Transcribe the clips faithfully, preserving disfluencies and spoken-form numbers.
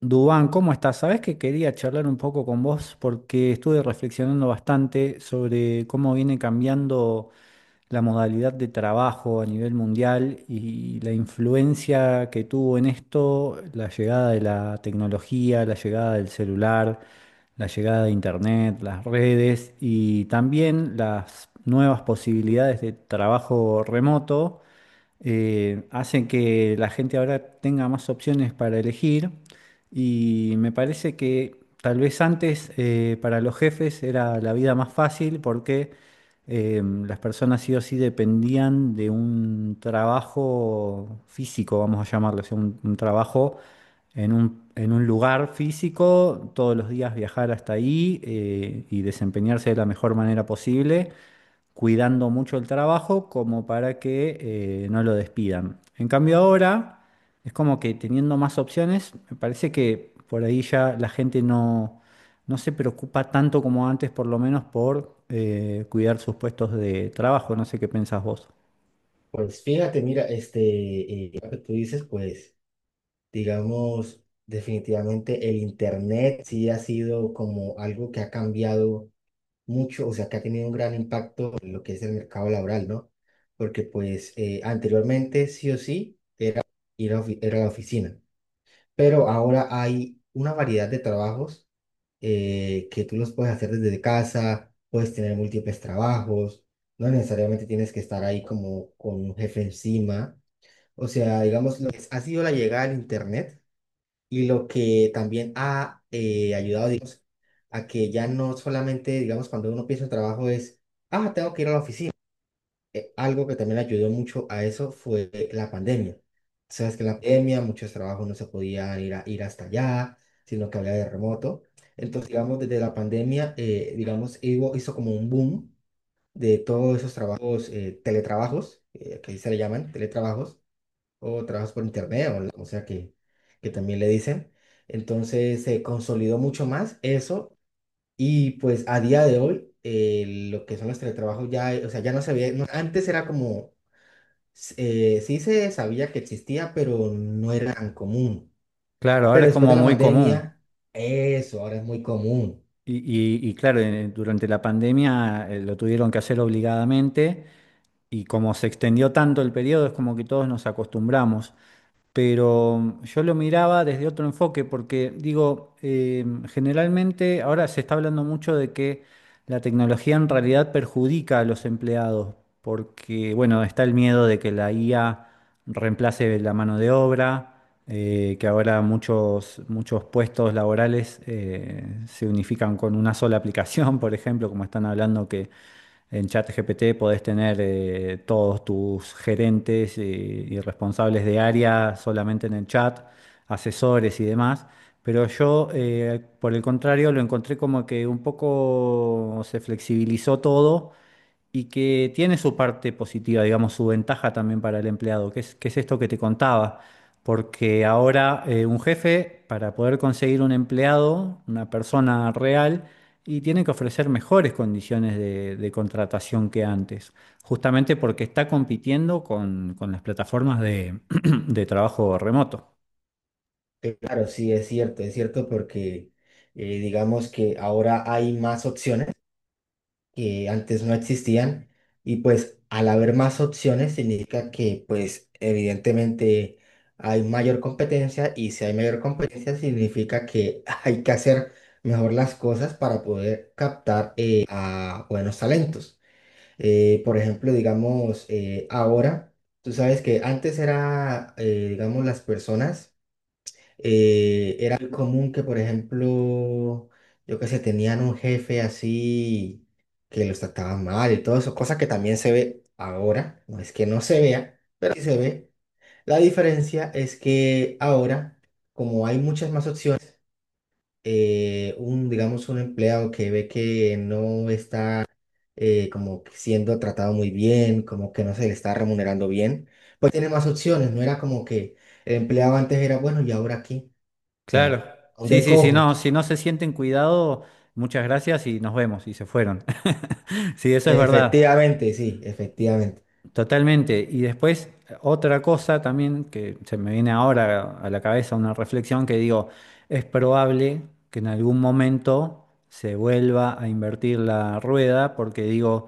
Dubán, ¿cómo estás? Sabés que quería charlar un poco con vos porque estuve reflexionando bastante sobre cómo viene cambiando la modalidad de trabajo a nivel mundial y la influencia que tuvo en esto la llegada de la tecnología, la llegada del celular, la llegada de Internet, las redes y también las nuevas posibilidades de trabajo remoto eh, hacen que la gente ahora tenga más opciones para elegir. Y me parece que tal vez antes, eh, para los jefes era la vida más fácil porque eh, las personas sí o sí dependían de un trabajo físico, vamos a llamarlo, o sea, un, un trabajo en un, en un lugar físico, todos los días viajar hasta ahí, eh, y desempeñarse de la mejor manera posible, cuidando mucho el trabajo como para que eh, no lo despidan. En cambio ahora es como que teniendo más opciones, me parece que por ahí ya la gente no, no se preocupa tanto como antes, por lo menos por eh, cuidar sus puestos de trabajo. No sé qué pensás vos. Pues fíjate, mira, este, eh, lo que tú dices, pues, digamos, definitivamente el Internet sí ha sido como algo que ha cambiado mucho, o sea, que ha tenido un gran impacto en lo que es el mercado laboral, ¿no? Porque, pues, eh, anteriormente sí o sí ir a ofi- era la oficina, pero ahora hay una variedad de trabajos eh, que tú los puedes hacer desde casa, puedes tener múltiples trabajos, no necesariamente tienes que estar ahí como con un jefe encima. O sea, digamos, lo que ha sido la llegada del Internet y lo que también ha eh, ayudado, digamos, a que ya no solamente, digamos, cuando uno piensa en trabajo es, ah, tengo que ir a la oficina. Eh, algo que también ayudó mucho a eso fue la pandemia. Sabes que en la pandemia muchos trabajos no se podían ir, a- ir hasta allá, sino que había de remoto. Entonces, digamos, desde la pandemia, eh, digamos, hizo, hizo como un boom de todos esos trabajos, eh, teletrabajos, eh, que ahí se le llaman teletrabajos o trabajas por internet, o, o sea que, que también le dicen. Entonces se consolidó mucho más eso y pues a día de hoy eh, lo que son los teletrabajos ya, eh, o sea, ya no se ve, no- antes era como, s- eh, sí se sabía que existía, pero no era tan común. Claro, ahora Pero es después de como la muy común. pandemia, eso ahora es muy común. Y, y- y claro, eh, durante la pandemia, eh, lo tuvieron que hacer obligadamente, y como se extendió tanto el periodo, es como que todos nos acostumbramos. Pero yo lo miraba desde otro enfoque, porque digo, eh, generalmente ahora se está hablando mucho de que la tecnología en realidad perjudica a los empleados, porque bueno, está el miedo de que la I A reemplace la mano de obra, eh, que ahora muchos, muchos puestos laborales eh, se unifican con una sola aplicación, por ejemplo, como están hablando que en ChatGPT podés tener eh, todos tus gerentes, eh, y responsables de área solamente en el chat, asesores y demás. Pero yo, eh, por el contrario, lo encontré como que un poco se flexibilizó todo y que tiene su parte positiva, digamos, su ventaja también para el empleado, que es, que es esto que te contaba, porque ahora, eh, un jefe, para poder conseguir un empleado, una persona real, y tiene que ofrecer mejores condiciones de, de contratación que antes, justamente porque está compitiendo con, con las plataformas de, de trabajo remoto. Claro, sí, es cierto, es cierto, porque eh, digamos que ahora hay más opciones que antes no existían, y pues al haber más opciones significa que, pues, evidentemente hay mayor competencia, y si hay mayor competencia significa que hay que hacer mejor las cosas para poder captar eh, a buenos talentos. Eh, por ejemplo, digamos, eh, ahora, tú sabes que antes era, eh, digamos, las personas, eh, era muy común que, por ejemplo, yo que sé, tenían un jefe así que los trataban mal y todo eso, cosa que también se ve ahora, no es que no se vea, pero sí se ve. La diferencia es que ahora, como hay muchas más opciones, eh, un, digamos, un empleado que ve que no está eh, como que siendo tratado muy bien, como que no se le está remunerando bien, pues tiene más opciones. No era como que el empleado antes era bueno y ahora aquí. O sea, Claro. Sí, de sí, si cojo. no, si no se sienten cuidado, muchas gracias y nos vemos, y se fueron. Sí, eso es verdad. Efectivamente, sí, efectivamente. Totalmente. Y después, otra cosa también que se me viene ahora a la cabeza, una reflexión que digo, es probable que en algún momento se vuelva a invertir la rueda, porque digo,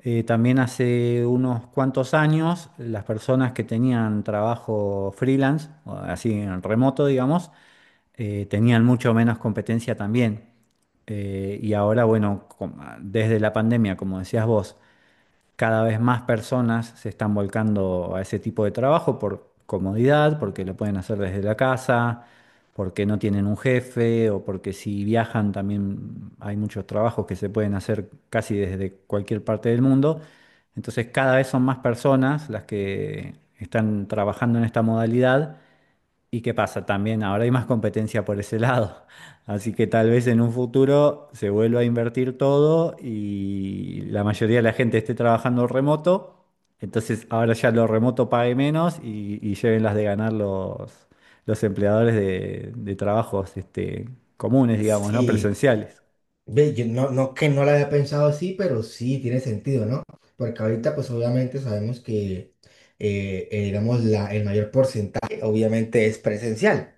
eh, también hace unos cuantos años las personas que tenían trabajo freelance, o así en remoto, digamos, eh, tenían mucho menos competencia también. Eh, y ahora, bueno, com- desde la pandemia, como decías vos, cada vez más personas se están volcando a ese tipo de trabajo por comodidad, porque lo pueden hacer desde la casa, porque no tienen un jefe o porque si viajan también hay muchos trabajos que se pueden hacer casi desde cualquier parte del mundo. Entonces cada vez son más personas las que están trabajando en esta modalidad. ¿Y qué pasa? También ahora hay más competencia por ese lado. Así que tal vez en un futuro se vuelva a invertir todo y la mayoría de la gente esté trabajando remoto. Entonces ahora ya lo remoto pague menos, y, y lleven las de ganar los, los empleadores de, de trabajos este, comunes, digamos, ¿no? Sí, Presenciales. ve, yo no, no que no la había pensado así, pero sí tiene sentido, ¿no? Porque ahorita, pues obviamente sabemos que, eh, eh, digamos, la, el mayor porcentaje obviamente es presencial,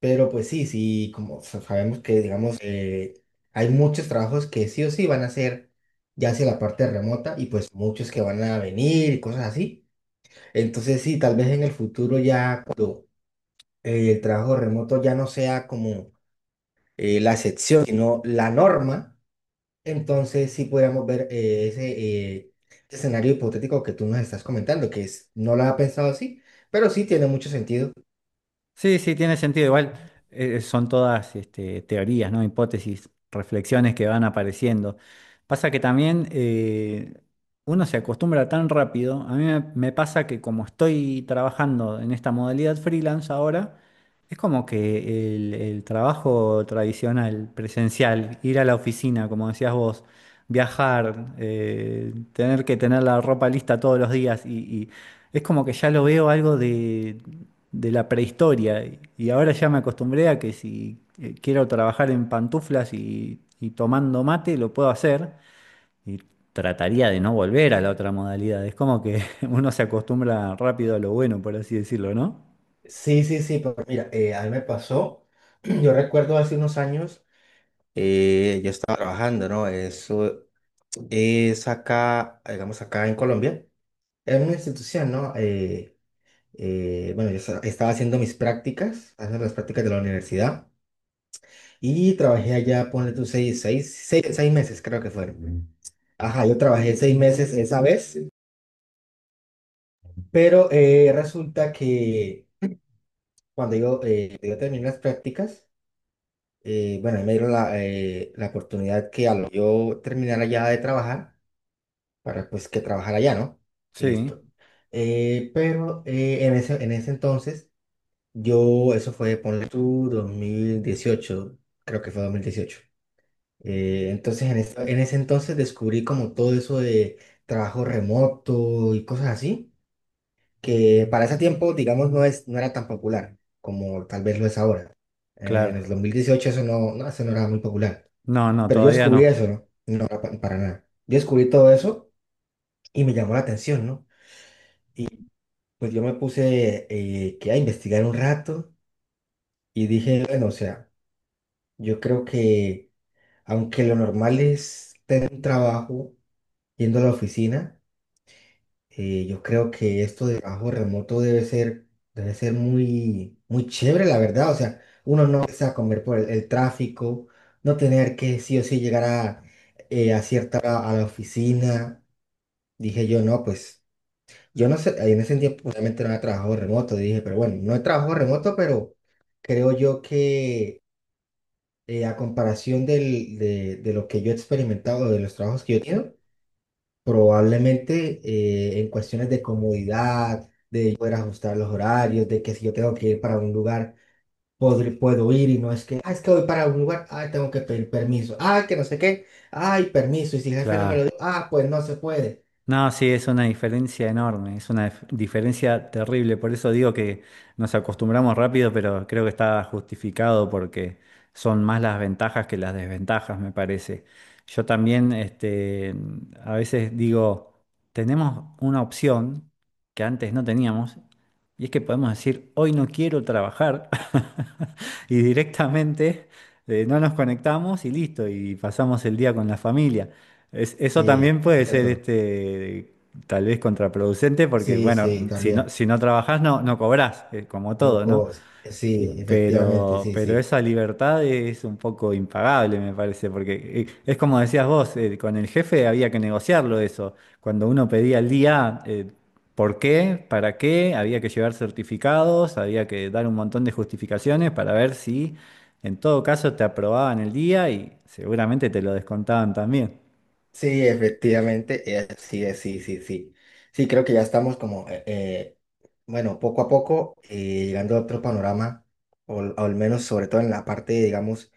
pero pues sí, sí, como sa- sabemos que, digamos, eh, hay muchos trabajos que sí o sí van a ser ya hacia la parte remota, y pues muchos que van a venir y cosas así. Entonces sí, tal vez en el futuro ya eh, el trabajo remoto ya no sea como eh, la excepción, sino la norma, entonces sí podríamos ver eh, ese eh, escenario hipotético que tú nos estás comentando, que es, no lo había pensado así, pero sí tiene mucho sentido. Sí, sí, tiene sentido. Igual, eh, son todas este, teorías, ¿no? Hipótesis, reflexiones que van apareciendo. Pasa que también, eh, uno se acostumbra tan rápido. A mí me, me pasa que como estoy trabajando en esta modalidad freelance ahora, es como que el, el trabajo tradicional, presencial, ir a la oficina, como decías vos, viajar, eh, tener que tener la ropa lista todos los días y y- es como que ya lo veo algo de, de la prehistoria. Y ahora ya me acostumbré a que si, eh, quiero trabajar en pantuflas y, y tomando mate, lo puedo hacer. Y trataría de no volver a la otra modalidad. Es como que uno se acostumbra rápido a lo bueno, por así decirlo, ¿no? Sí, sí, sí, pero mira, eh, a mí me pasó, yo recuerdo hace unos años, eh, yo estaba trabajando, ¿no? Eso es acá, digamos acá en Colombia, en una institución, ¿no? Eh, eh, bueno, yo esta- estaba haciendo mis prácticas, haciendo las prácticas de la universidad. Y trabajé allá, ponle tú seis, seis, seis, seis meses, creo que fueron. Ajá, yo trabajé seis meses esa vez, pero eh, resulta que cuando yo, eh, yo terminé las prácticas, eh, bueno, ahí me dieron la, eh, la oportunidad que al yo terminar allá de trabajar, para pues que trabajar allá, ¿no? Sí, Listo. Eh, pero eh, en ese, en ese entonces, yo, eso fue, ponle tú, dos mil dieciocho, creo que fue dos mil dieciocho. Eh, entonces, en, esta- en ese entonces descubrí como todo eso de trabajo remoto y cosas así, que para ese tiempo, digamos, no es, no era tan popular como tal vez lo es ahora. Eh, en el claro. dos mil dieciocho eso no, no, eso no era muy popular. No, no, Pero yo todavía descubrí no. eso, ¿no? No era pa- para nada. Yo descubrí todo eso y me llamó la atención, ¿no? Pues yo me puse eh, que a investigar un rato y dije, bueno, o sea, yo creo que aunque lo normal es tener un trabajo yendo a la oficina, Eh, yo creo que esto de trabajo remoto debe ser, debe ser muy, muy chévere, la verdad. O sea, uno no se va a comer por el, el tráfico, no tener que sí o sí llegar a, eh, a cierta hora a la oficina. Dije yo, no, pues yo no sé, en ese tiempo realmente no había trabajo remoto. Dije, pero bueno, no he trabajo remoto, pero creo yo que eh, a comparación del, de, de lo que yo he experimentado, de los trabajos que yo he tenido, probablemente eh, en cuestiones de comodidad poder ajustar los horarios, de que si yo tengo que ir para un lugar, podr- puedo ir, y no es que, ah, es que voy para un lugar, ah, tengo que pedir permiso, ah, que no sé qué, ay, permiso, y si el jefe no me lo dio, Claro. ah, pues no se puede. No, sí, es una diferencia enorme, es una dif- diferencia terrible. Por eso digo que nos acostumbramos rápido, pero creo que está justificado porque son más las ventajas que las desventajas, me parece. Yo también, este, a veces digo, tenemos una opción que antes no teníamos, y es que podemos decir, hoy no quiero trabajar, y directamente, eh, no nos conectamos y listo, y pasamos el día con la familia. Es- eso Sí, también es puede ser cierto. este, tal vez contraproducente, porque Sí, bueno, sí, si no, también. si no trabajás no, no cobrás, eh, como todo, ¿no? Loco, sí, efectivamente, Pero, sí, pero sí. esa libertad es un poco impagable, me parece, porque, eh, es como decías vos, eh, con el jefe había que negociarlo eso. Cuando uno pedía el día, eh, ¿por qué? ¿Para qué? Había que llevar certificados, había que dar un montón de justificaciones para ver si en todo caso te aprobaban el día y seguramente te lo descontaban también. Sí, efectivamente, eh, sí, eh, sí, sí, sí. Sí, creo que ya estamos como, eh, eh, bueno, poco a poco eh, llegando a otro panorama, o, o al menos sobre todo en la parte, digamos,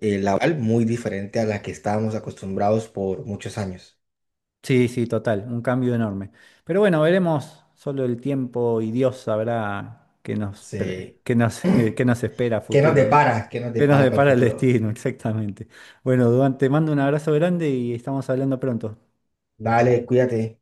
eh, laboral, muy diferente a la que estábamos acostumbrados por muchos años. Sí, sí, total, un cambio enorme. Pero bueno, veremos, solo el tiempo y Dios sabrá qué nos, pre- Se- qué nos, qué nos espera a ¿Qué nos futuro, ¿no? depara? ¿Qué nos ¿Qué nos depara para el depara el futuro? destino, exactamente? Bueno, Duan, te mando un abrazo grande y estamos hablando pronto. Dale, cuídate.